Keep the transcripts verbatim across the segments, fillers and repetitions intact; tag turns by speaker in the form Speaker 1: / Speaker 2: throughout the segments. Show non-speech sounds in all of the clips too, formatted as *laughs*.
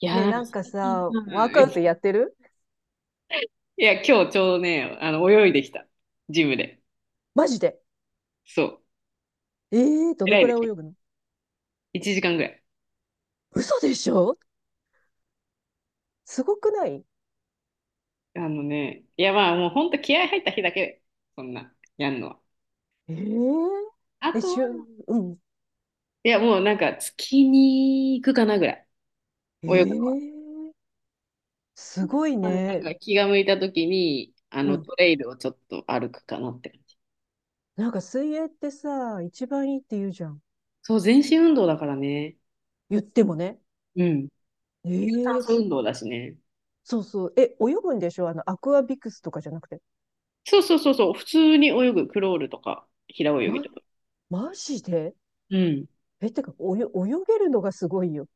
Speaker 1: いや
Speaker 2: ね
Speaker 1: ー、
Speaker 2: え、
Speaker 1: なんか
Speaker 2: なんか
Speaker 1: 最近さ、
Speaker 2: さ、ワークアウト
Speaker 1: *laughs*
Speaker 2: やってる？
Speaker 1: いや、今日ちょうどね、あの、泳いできた。ジムで。
Speaker 2: マジで。
Speaker 1: そう。
Speaker 2: ええー、どの
Speaker 1: 偉い
Speaker 2: く
Speaker 1: で
Speaker 2: らい
Speaker 1: しょ。
Speaker 2: 泳ぐの？
Speaker 1: いちじかんぐらい。
Speaker 2: 嘘でしょ？すごくない？
Speaker 1: あのね、いや、まあ、もうほんと気合入った日だけ、そんな、やんのは。
Speaker 2: ええー、
Speaker 1: あ
Speaker 2: え、
Speaker 1: と
Speaker 2: し
Speaker 1: は、
Speaker 2: ゅ、うん。
Speaker 1: いや、もうなんか、月に行くかなぐらい。
Speaker 2: ええ
Speaker 1: 泳ぐ
Speaker 2: ー、すごい
Speaker 1: の。なん
Speaker 2: ね。
Speaker 1: か、気が向いた時に、あ
Speaker 2: う
Speaker 1: の、
Speaker 2: ん。
Speaker 1: トレイルをちょっと歩くかなって感じ。
Speaker 2: なんか水泳ってさ、一番いいって言うじゃん。
Speaker 1: そう、全身運動だからね。
Speaker 2: 言ってもね。
Speaker 1: うん。
Speaker 2: え
Speaker 1: 有酸
Speaker 2: え
Speaker 1: 素
Speaker 2: ー、
Speaker 1: 運動だしね。
Speaker 2: そうそう。え、泳ぐんでしょ？あの、アクアビクスとかじゃなくて。
Speaker 1: そうそうそうそう、普通に泳ぐ、クロールとか、平泳ぎ
Speaker 2: ま、
Speaker 1: とか。
Speaker 2: マジで？
Speaker 1: うん。
Speaker 2: え、てか、およ、泳げるのがすごいよ。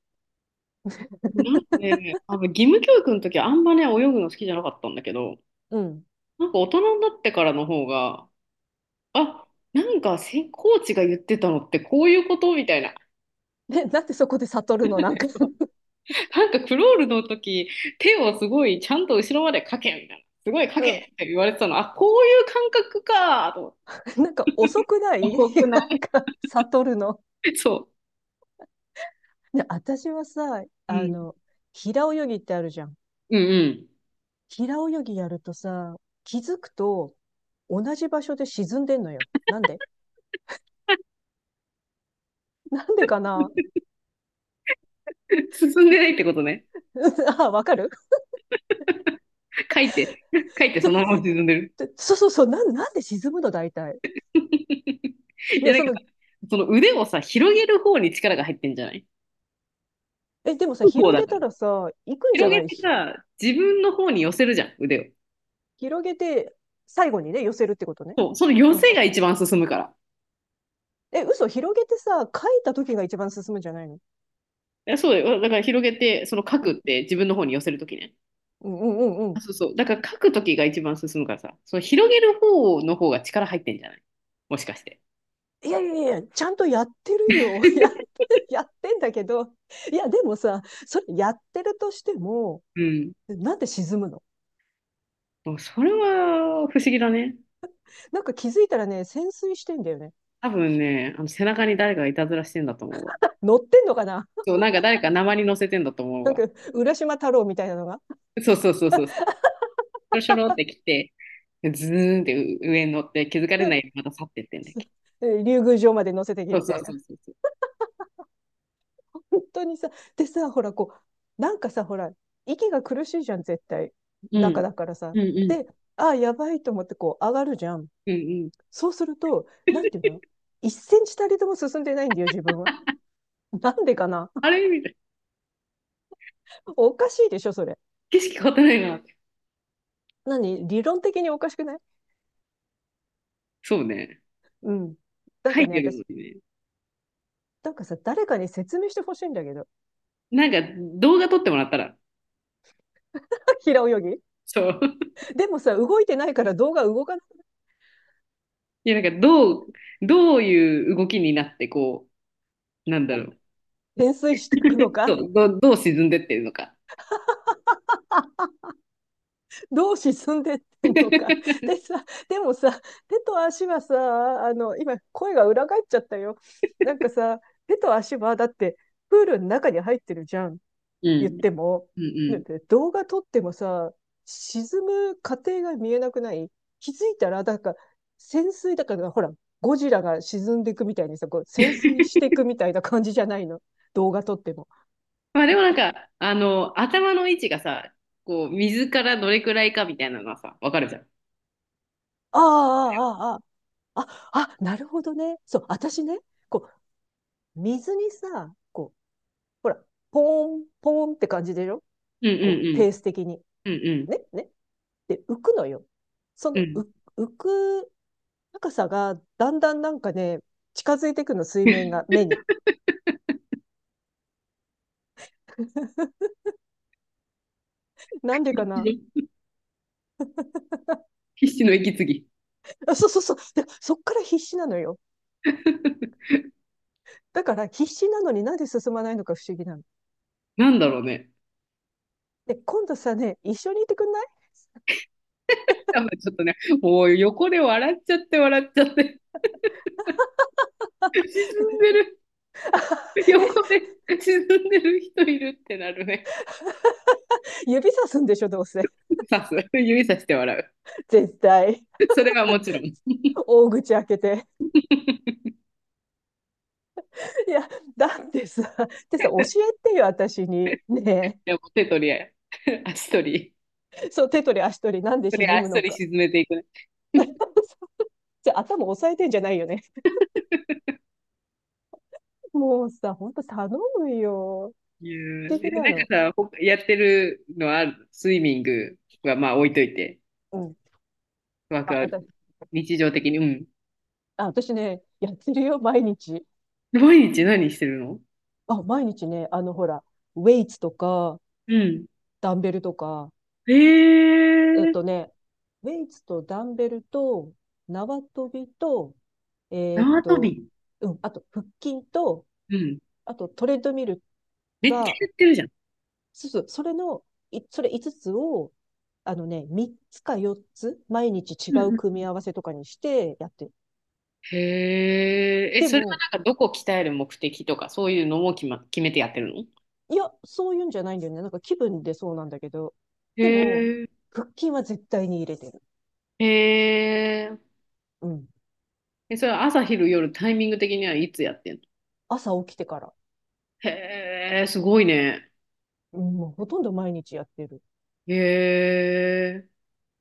Speaker 1: なんかね、多分義務教育の時はあんまね、泳ぐの好きじゃなかったんだけど、
Speaker 2: うん。
Speaker 1: なんか大人になってからの方が、あ、なんかせコーチが言ってたのってこういうことみたいな。
Speaker 2: ね、なんでそこで悟るの？なんか。 *laughs*
Speaker 1: なんかクロールの時、手をすごいちゃんと後ろまでかけみたいな。すごいか
Speaker 2: う
Speaker 1: け
Speaker 2: ん。
Speaker 1: って言われてたの。あ、こういう感覚かと思って。
Speaker 2: *laughs* なんか遅くない？
Speaker 1: 多く
Speaker 2: *laughs*
Speaker 1: な
Speaker 2: なんか悟るの。
Speaker 1: いそ
Speaker 2: で、私はさ、
Speaker 1: う。う
Speaker 2: あ
Speaker 1: ん。
Speaker 2: の、平泳ぎってあるじゃん。
Speaker 1: うん
Speaker 2: 平泳ぎやるとさ、気づくと同じ場所で沈んでんのよ。なんで？なんでかな？
Speaker 1: うん。進んでないってことね。
Speaker 2: *laughs* あ、わかる。
Speaker 1: 書いて、書いて
Speaker 2: *laughs* ち
Speaker 1: そ
Speaker 2: ょ
Speaker 1: の
Speaker 2: い
Speaker 1: まま
Speaker 2: や、
Speaker 1: 沈んでる。
Speaker 2: そうそうそう、なん、なんで沈むの大体。
Speaker 1: いや、
Speaker 2: ね、
Speaker 1: なん
Speaker 2: そ
Speaker 1: か、
Speaker 2: の、
Speaker 1: その腕をさ、広げる方に力が入ってんじゃない
Speaker 2: え、でもさ、
Speaker 1: 方
Speaker 2: 広
Speaker 1: だ
Speaker 2: げ
Speaker 1: か
Speaker 2: た
Speaker 1: ら。
Speaker 2: らさ、行くんじゃ
Speaker 1: 広
Speaker 2: な
Speaker 1: げ
Speaker 2: い？
Speaker 1: て
Speaker 2: ひ
Speaker 1: さ、自分の方に寄せるじゃん、腕を。
Speaker 2: 広げて、最後にね、寄せるってことね。
Speaker 1: そう、その寄
Speaker 2: うん。
Speaker 1: せが一番進むから。
Speaker 2: え、嘘、広げてさ、書いた時が一番進むんじゃないの？
Speaker 1: いや、そうだよ。だから広げて、その書
Speaker 2: う
Speaker 1: くっ
Speaker 2: ん、
Speaker 1: て自分の方に寄せるときね。
Speaker 2: うん、うん、うん。う
Speaker 1: あ、
Speaker 2: ん。
Speaker 1: そうそう。だから書くときが一番進むからさ、その広げる方の方が力入ってんじゃないもしかして。
Speaker 2: いやいやいや、ちゃんとやってるよ。*laughs* や、やってんだけど。いや、でもさ、それやってるとしても、
Speaker 1: うん。
Speaker 2: なんで沈むの？
Speaker 1: もうそれは不思議だね。
Speaker 2: なんか気づいたらね、潜水してんだよね。
Speaker 1: 多分ね、あの背中に誰かがいたずらしてんだと思うわ。
Speaker 2: 乗ってんのかな？
Speaker 1: そう、なんか誰か鉛乗せてんだと
Speaker 2: *laughs*
Speaker 1: 思う
Speaker 2: なん
Speaker 1: わ。
Speaker 2: か、浦島太郎みたいなのが、
Speaker 1: そうそうそうそう。しょろしょろって来て、ズーンって上に乗って気づかれないよ
Speaker 2: *laughs*
Speaker 1: うにまた去ってってんだっけ。
Speaker 2: 竜宮城まで乗せてけ
Speaker 1: そう
Speaker 2: み
Speaker 1: そ
Speaker 2: たい
Speaker 1: うそ
Speaker 2: な。
Speaker 1: うそうそう。
Speaker 2: *laughs* 本当にさ、でさ、ほら、こう、なんかさ、ほら、息が苦しいじゃん、絶対。
Speaker 1: う
Speaker 2: 中
Speaker 1: ん。
Speaker 2: だからさ。
Speaker 1: うんうん。
Speaker 2: で、ああ、やばいと思って、こう、上がるじゃん。
Speaker 1: うんうん。
Speaker 2: そうすると、なんていうの？ いち センチたりとも進んでないんだよ、自分は。*laughs* なんでかな？
Speaker 1: あれみたいな。
Speaker 2: おかしいでしょ、それ。
Speaker 1: 景色変わってないなって。
Speaker 2: 何？理論的におかしくない？
Speaker 1: そうね。
Speaker 2: うん。なん
Speaker 1: 書
Speaker 2: か
Speaker 1: い
Speaker 2: ね、
Speaker 1: てるの
Speaker 2: 私、
Speaker 1: にね。
Speaker 2: なんかさ、誰かに説明してほしいんだけど。
Speaker 1: なんか動画撮ってもらったら。
Speaker 2: *laughs* 平泳ぎ。
Speaker 1: そう。*laughs*
Speaker 2: でもさ、動いてないから動画動かない。
Speaker 1: いや、なんかどう、どういう動きになって、こう、なんだろう。
Speaker 2: 潜水していくの
Speaker 1: *laughs* そ
Speaker 2: か？
Speaker 1: うどう、どう沈んでってるのか。
Speaker 2: どう沈んでってんのか。でさ、でもさ、手と足はさ、あの、今、声が裏返っちゃったよ。なんかさ、手と足は、だって、プールの中に入ってるじゃん。
Speaker 1: う
Speaker 2: 言っ
Speaker 1: ん。
Speaker 2: ても、
Speaker 1: うん
Speaker 2: ね。
Speaker 1: うん。
Speaker 2: 動画撮ってもさ、沈む過程が見えなくない？気づいたら、だから、潜水だから、ほら、ゴジラが沈んでいくみたいにさ、こう潜水していくみたいな感じじゃないの。動画撮っても。
Speaker 1: まあでもなんか、あの、頭の位置がさ、こう、水からどれくらいかみたいなのはさ、わかるじゃん。
Speaker 2: ああ、ああ、ああ、あ、あ、なるほどね。そう、私ね、こう、水にさ、こう、ほら、ポーン、ポーンって感じでしょ？
Speaker 1: うん
Speaker 2: こう、
Speaker 1: う
Speaker 2: ペース的に。
Speaker 1: んうん。うん
Speaker 2: ね、ね。で、浮くのよ。そ
Speaker 1: う
Speaker 2: の、
Speaker 1: ん。う
Speaker 2: う
Speaker 1: ん。
Speaker 2: 浮く高さがだんだんなんかね、近づいてくの、水面が、目に。なんでかな？
Speaker 1: *laughs* 必死の息継ぎ。
Speaker 2: あ、そうそうそう。で、そっから必死なのよ。
Speaker 1: *laughs*
Speaker 2: だから必死なのになんで進まないのか不思議なの。
Speaker 1: なんだろうね。
Speaker 2: で、今度さね、一緒にいてくんない？
Speaker 1: 多分ちょっとね、もう横で笑っちゃって笑っちゃって、沈んでる、
Speaker 2: *laughs* え、
Speaker 1: 横で沈んでる人いるってなるね。
Speaker 2: 指さすんでしょ、どうせ。
Speaker 1: さす。指さして笑
Speaker 2: 絶対。
Speaker 1: う。それはもちろん。い
Speaker 2: 大口開けて。いや、だってさ、ってさ、教えてよ、私に。ね
Speaker 1: や手取りや、足取り、
Speaker 2: え。そう、手取り足取り、なん
Speaker 1: 手
Speaker 2: で
Speaker 1: 取
Speaker 2: 沈
Speaker 1: り
Speaker 2: む
Speaker 1: 足取
Speaker 2: の
Speaker 1: り
Speaker 2: か。
Speaker 1: 沈めていくね。
Speaker 2: じゃあ、頭押さえてんじゃないよね。もうさ、ほんと頼むよ。
Speaker 1: いや
Speaker 2: 不思
Speaker 1: ーえ
Speaker 2: 議なの。
Speaker 1: なんかさ、ほやってるのはある、スイミングはまあ置いといて、
Speaker 2: うん。
Speaker 1: ワーク
Speaker 2: あ、
Speaker 1: アウト。
Speaker 2: 私。
Speaker 1: 日常的に、うん。
Speaker 2: あ、私ね、やってるよ、毎日。
Speaker 1: 毎日何してるの？
Speaker 2: あ、毎日ね、あの、ほら、ウェイツとか、
Speaker 1: うん。
Speaker 2: ダンベルとか、
Speaker 1: え
Speaker 2: えっ
Speaker 1: ー、
Speaker 2: とね、ウェイツとダンベルと、縄跳びと、えーっ
Speaker 1: 縄跳
Speaker 2: と、
Speaker 1: び。
Speaker 2: うん、あと、腹筋と、
Speaker 1: うん。
Speaker 2: あと、トレッドミル
Speaker 1: めっちゃ
Speaker 2: が、
Speaker 1: やってるじゃん。
Speaker 2: そうそう、それの、い、それいつつつを、あのね、みっつかよっつ、毎日違
Speaker 1: う
Speaker 2: う
Speaker 1: ん
Speaker 2: 組
Speaker 1: う
Speaker 2: み
Speaker 1: ん
Speaker 2: 合わせとかにしてやってる。
Speaker 1: へえ、え、
Speaker 2: で
Speaker 1: それは
Speaker 2: も、
Speaker 1: なんかどこ鍛える目的とか、そういうのも決ま、決めてやってるの？
Speaker 2: いや、そういうんじゃないんだよね。なんか気分でそうなんだけど。
Speaker 1: へ
Speaker 2: でも、
Speaker 1: え、
Speaker 2: 腹筋は絶対に入れてる。
Speaker 1: へえ、
Speaker 2: うん。
Speaker 1: え、それは朝昼夜タイミング的にはいつやってんの？
Speaker 2: 朝起きてから。
Speaker 1: へえ、すごいね。
Speaker 2: うん、もうほとんど毎日やってる。
Speaker 1: へえ、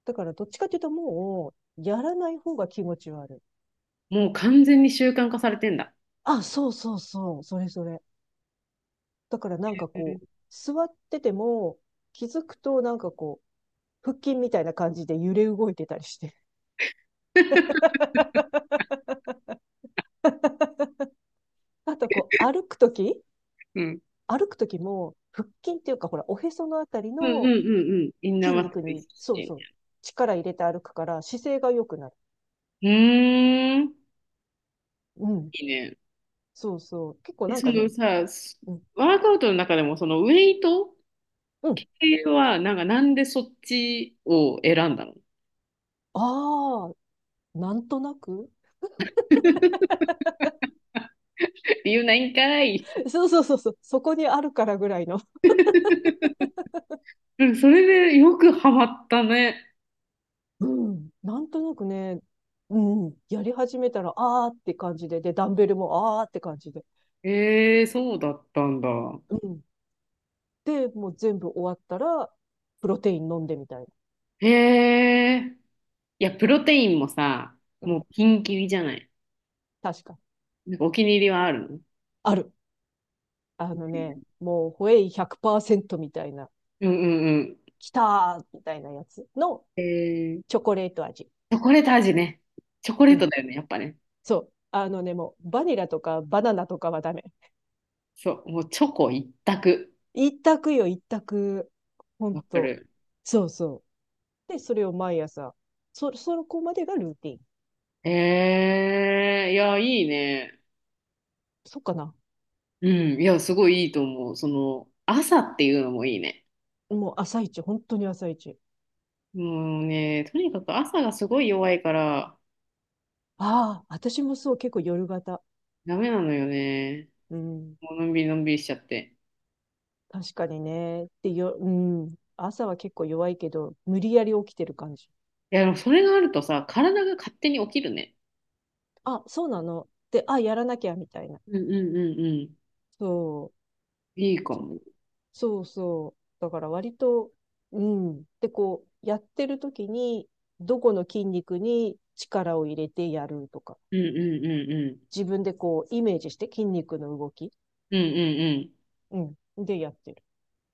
Speaker 2: だからどっちかっていうともう、やらない方が気持ち悪い。
Speaker 1: もう完全に習慣化されてんだ。
Speaker 2: あ、そうそうそう。それそれ。だからなんか
Speaker 1: へえ
Speaker 2: こう、座ってても、気づくとなんかこう、腹筋みたいな感じで揺れ動いてたりして。*laughs* あとこう、歩くとき
Speaker 1: うん。
Speaker 2: 歩くときも、腹筋っていうか、ほら、おへそのあたり
Speaker 1: うんうん
Speaker 2: の
Speaker 1: うんうん。インナー
Speaker 2: 筋
Speaker 1: マッス
Speaker 2: 肉
Speaker 1: ル意
Speaker 2: に、
Speaker 1: 識し
Speaker 2: そう
Speaker 1: て。
Speaker 2: そう、力入れて歩くから姿勢が良くなる。
Speaker 1: うーん。
Speaker 2: うん。
Speaker 1: いいね。
Speaker 2: そうそう。結構
Speaker 1: え、
Speaker 2: なん
Speaker 1: そ
Speaker 2: か
Speaker 1: の
Speaker 2: ね、
Speaker 1: さ、す
Speaker 2: うん。
Speaker 1: ワークアウトの中でもそのウェイト
Speaker 2: うん。
Speaker 1: 系は、なんかなんでそっちを選んだの？
Speaker 2: ああ、なんとなく。
Speaker 1: 言うないんかい。
Speaker 2: *laughs* そうそうそうそう。そこにあるからぐらいの。
Speaker 1: うん、それでよくハマったね。
Speaker 2: うん。なんとなくね、うん。やり始めたら、ああって感じで、で、ダンベルもああって感じで。
Speaker 1: えー、そうだったんだ。
Speaker 2: うん。で、もう全部終わったら、プロテイン飲んでみたい
Speaker 1: へえ。いや、プロテインもさ、
Speaker 2: な。う
Speaker 1: も
Speaker 2: ん。
Speaker 1: うピンキリじゃない。
Speaker 2: 確か。
Speaker 1: なんかお気に入りはあるの？
Speaker 2: ある。あのね、もう、ホエイひゃくパーセントみたいな、
Speaker 1: うんうんう
Speaker 2: きたーみたいなやつの
Speaker 1: ん。えー、
Speaker 2: チョコレート味。
Speaker 1: チョコレート味ね。チョコレ
Speaker 2: う
Speaker 1: ート
Speaker 2: ん。
Speaker 1: だよね、やっぱね。
Speaker 2: そう。あのね、もう、バニラとかバナナとかはダメ。
Speaker 1: そう、もうチョコ一択。
Speaker 2: 一択よ、一択。ほん
Speaker 1: わか
Speaker 2: と。
Speaker 1: る。
Speaker 2: そうそう。で、それを毎朝。そ、そこまでがルーティン。
Speaker 1: えー、いや、いいね。
Speaker 2: そっかな。
Speaker 1: うん、いや、すごいいいと思う。その、朝っていうのもいいね。
Speaker 2: もう朝一、本当に朝一。
Speaker 1: もうね、とにかく朝がすごい弱いから、
Speaker 2: ああ、私もそう、結構夜型。
Speaker 1: ダメなのよね。
Speaker 2: うん。
Speaker 1: もうのんびりのんびりしちゃって。
Speaker 2: 確かにね。で、よ、うん。朝は結構弱いけど、無理やり起きてる感じ。
Speaker 1: いや、でもそれがあるとさ、体が勝手に起きるね。
Speaker 2: あ、そうなの。で、あ、やらなきゃ、みたいな。
Speaker 1: うんうんうんうん。
Speaker 2: そ
Speaker 1: いいか
Speaker 2: う。
Speaker 1: も。
Speaker 2: そうそう。だから割と、うん。で、こう、やってる時に、どこの筋肉に力を入れてやるとか、
Speaker 1: うんうんうんうん。
Speaker 2: 自分でこう、イメージして筋肉の動き、
Speaker 1: うんうんう
Speaker 2: うん。でやってる。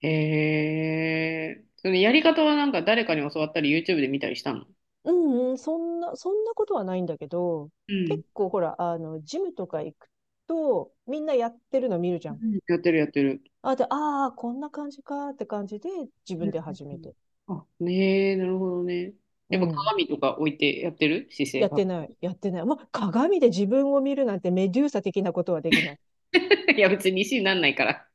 Speaker 1: ん。へえ。そのやり方はなんか誰かに教わったり YouTube で見たりしたの？
Speaker 2: うんうん、そんな、そんなことはないんだけど、
Speaker 1: うん。
Speaker 2: 結構ほら、あの、ジムとか行くと、みんなやってるの見るじ
Speaker 1: う
Speaker 2: ゃん。
Speaker 1: んやってるやってる。
Speaker 2: あ、で、ああ、こんな感じかって感じで、自
Speaker 1: うん
Speaker 2: 分
Speaker 1: う
Speaker 2: で始め
Speaker 1: んうん。
Speaker 2: て。
Speaker 1: あ、ねえ、なるほどね。
Speaker 2: う
Speaker 1: やっぱ
Speaker 2: ん。
Speaker 1: 鏡とか置いてやってる姿勢
Speaker 2: やっ
Speaker 1: が。
Speaker 2: てない、やってない。まあ、鏡で自分を見るなんてメデューサ的なことはできない。
Speaker 1: *laughs* いや、別に石になんないから。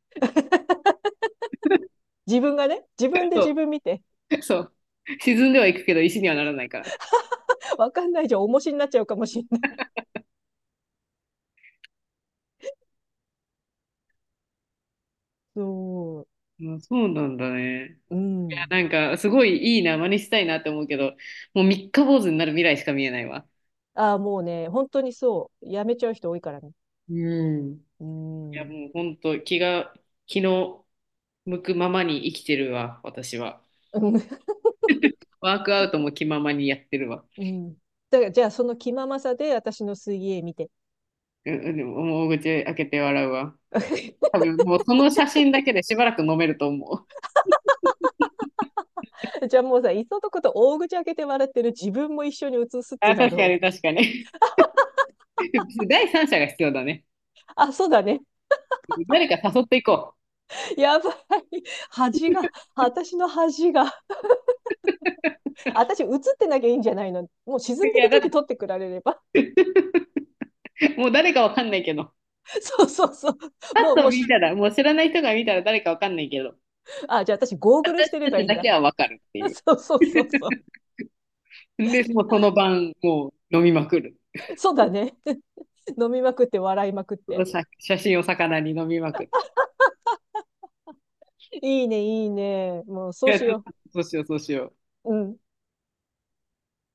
Speaker 2: 自分がね、自分で
Speaker 1: そ
Speaker 2: 自分見て、
Speaker 1: う。そう。沈んではいくけど石にはならないから。
Speaker 2: *laughs* わかんないじゃん、重しになっちゃうかもしれない。そ
Speaker 1: あ、そうなんだね。
Speaker 2: う。うん。
Speaker 1: なんか、すごいいいな、真似したいなって思うけど、もう三日坊主になる未来しか見えないわ。
Speaker 2: ああ、もうね、本当にそう。やめちゃう人多いからね。
Speaker 1: うん。い
Speaker 2: う
Speaker 1: や、
Speaker 2: ん。うん。
Speaker 1: もう本当、気が気の向くままに生きてるわ、私は。
Speaker 2: *laughs*
Speaker 1: ワークアウトも気ままにやってるわ。
Speaker 2: うん。だから、じゃあ、その気ままさで私の水泳見て。
Speaker 1: うんうん、でももう口開けて笑うわ。多
Speaker 2: *laughs*
Speaker 1: 分もうその写真だけでしばらく飲めると思う。
Speaker 2: じゃあもうさ、いっそのこと大口開けて笑ってる自分も一緒に映すってい
Speaker 1: あ、
Speaker 2: うのは
Speaker 1: 確か
Speaker 2: どう？
Speaker 1: に確かに。*laughs* 第三者が必要だね。
Speaker 2: あ、そうだね。
Speaker 1: 誰か誘っていこ
Speaker 2: やばい。恥が、私の恥が。私映ってなきゃいいんじゃないの。もう沈
Speaker 1: う。
Speaker 2: ん
Speaker 1: い
Speaker 2: で
Speaker 1: や、
Speaker 2: る
Speaker 1: だっ
Speaker 2: 時撮ってくられれば。
Speaker 1: て、*laughs* もう誰かわかんないけど。
Speaker 2: そうそうそう。
Speaker 1: パ
Speaker 2: もう、
Speaker 1: ッ
Speaker 2: も
Speaker 1: と
Speaker 2: う、
Speaker 1: 見たら、もう知らない人が見たら誰かわかんないけど。
Speaker 2: *laughs* あ、じゃあ私ゴーグルしてれ
Speaker 1: た
Speaker 2: ば
Speaker 1: ち
Speaker 2: いいん
Speaker 1: だ
Speaker 2: だ。
Speaker 1: けはわかるって
Speaker 2: *laughs*
Speaker 1: いう。
Speaker 2: そうそうそうそう。
Speaker 1: で、もうその晩、もう飲みまくる。
Speaker 2: そうだね。*laughs* 飲みまくって笑いまくっ
Speaker 1: その
Speaker 2: て。
Speaker 1: 写写真を魚に飲みまくる。
Speaker 2: いいね、いいね。もう
Speaker 1: い
Speaker 2: そう
Speaker 1: や、
Speaker 2: し
Speaker 1: ちょっ
Speaker 2: よ
Speaker 1: とそうしよう、そうしよう。
Speaker 2: う。うん。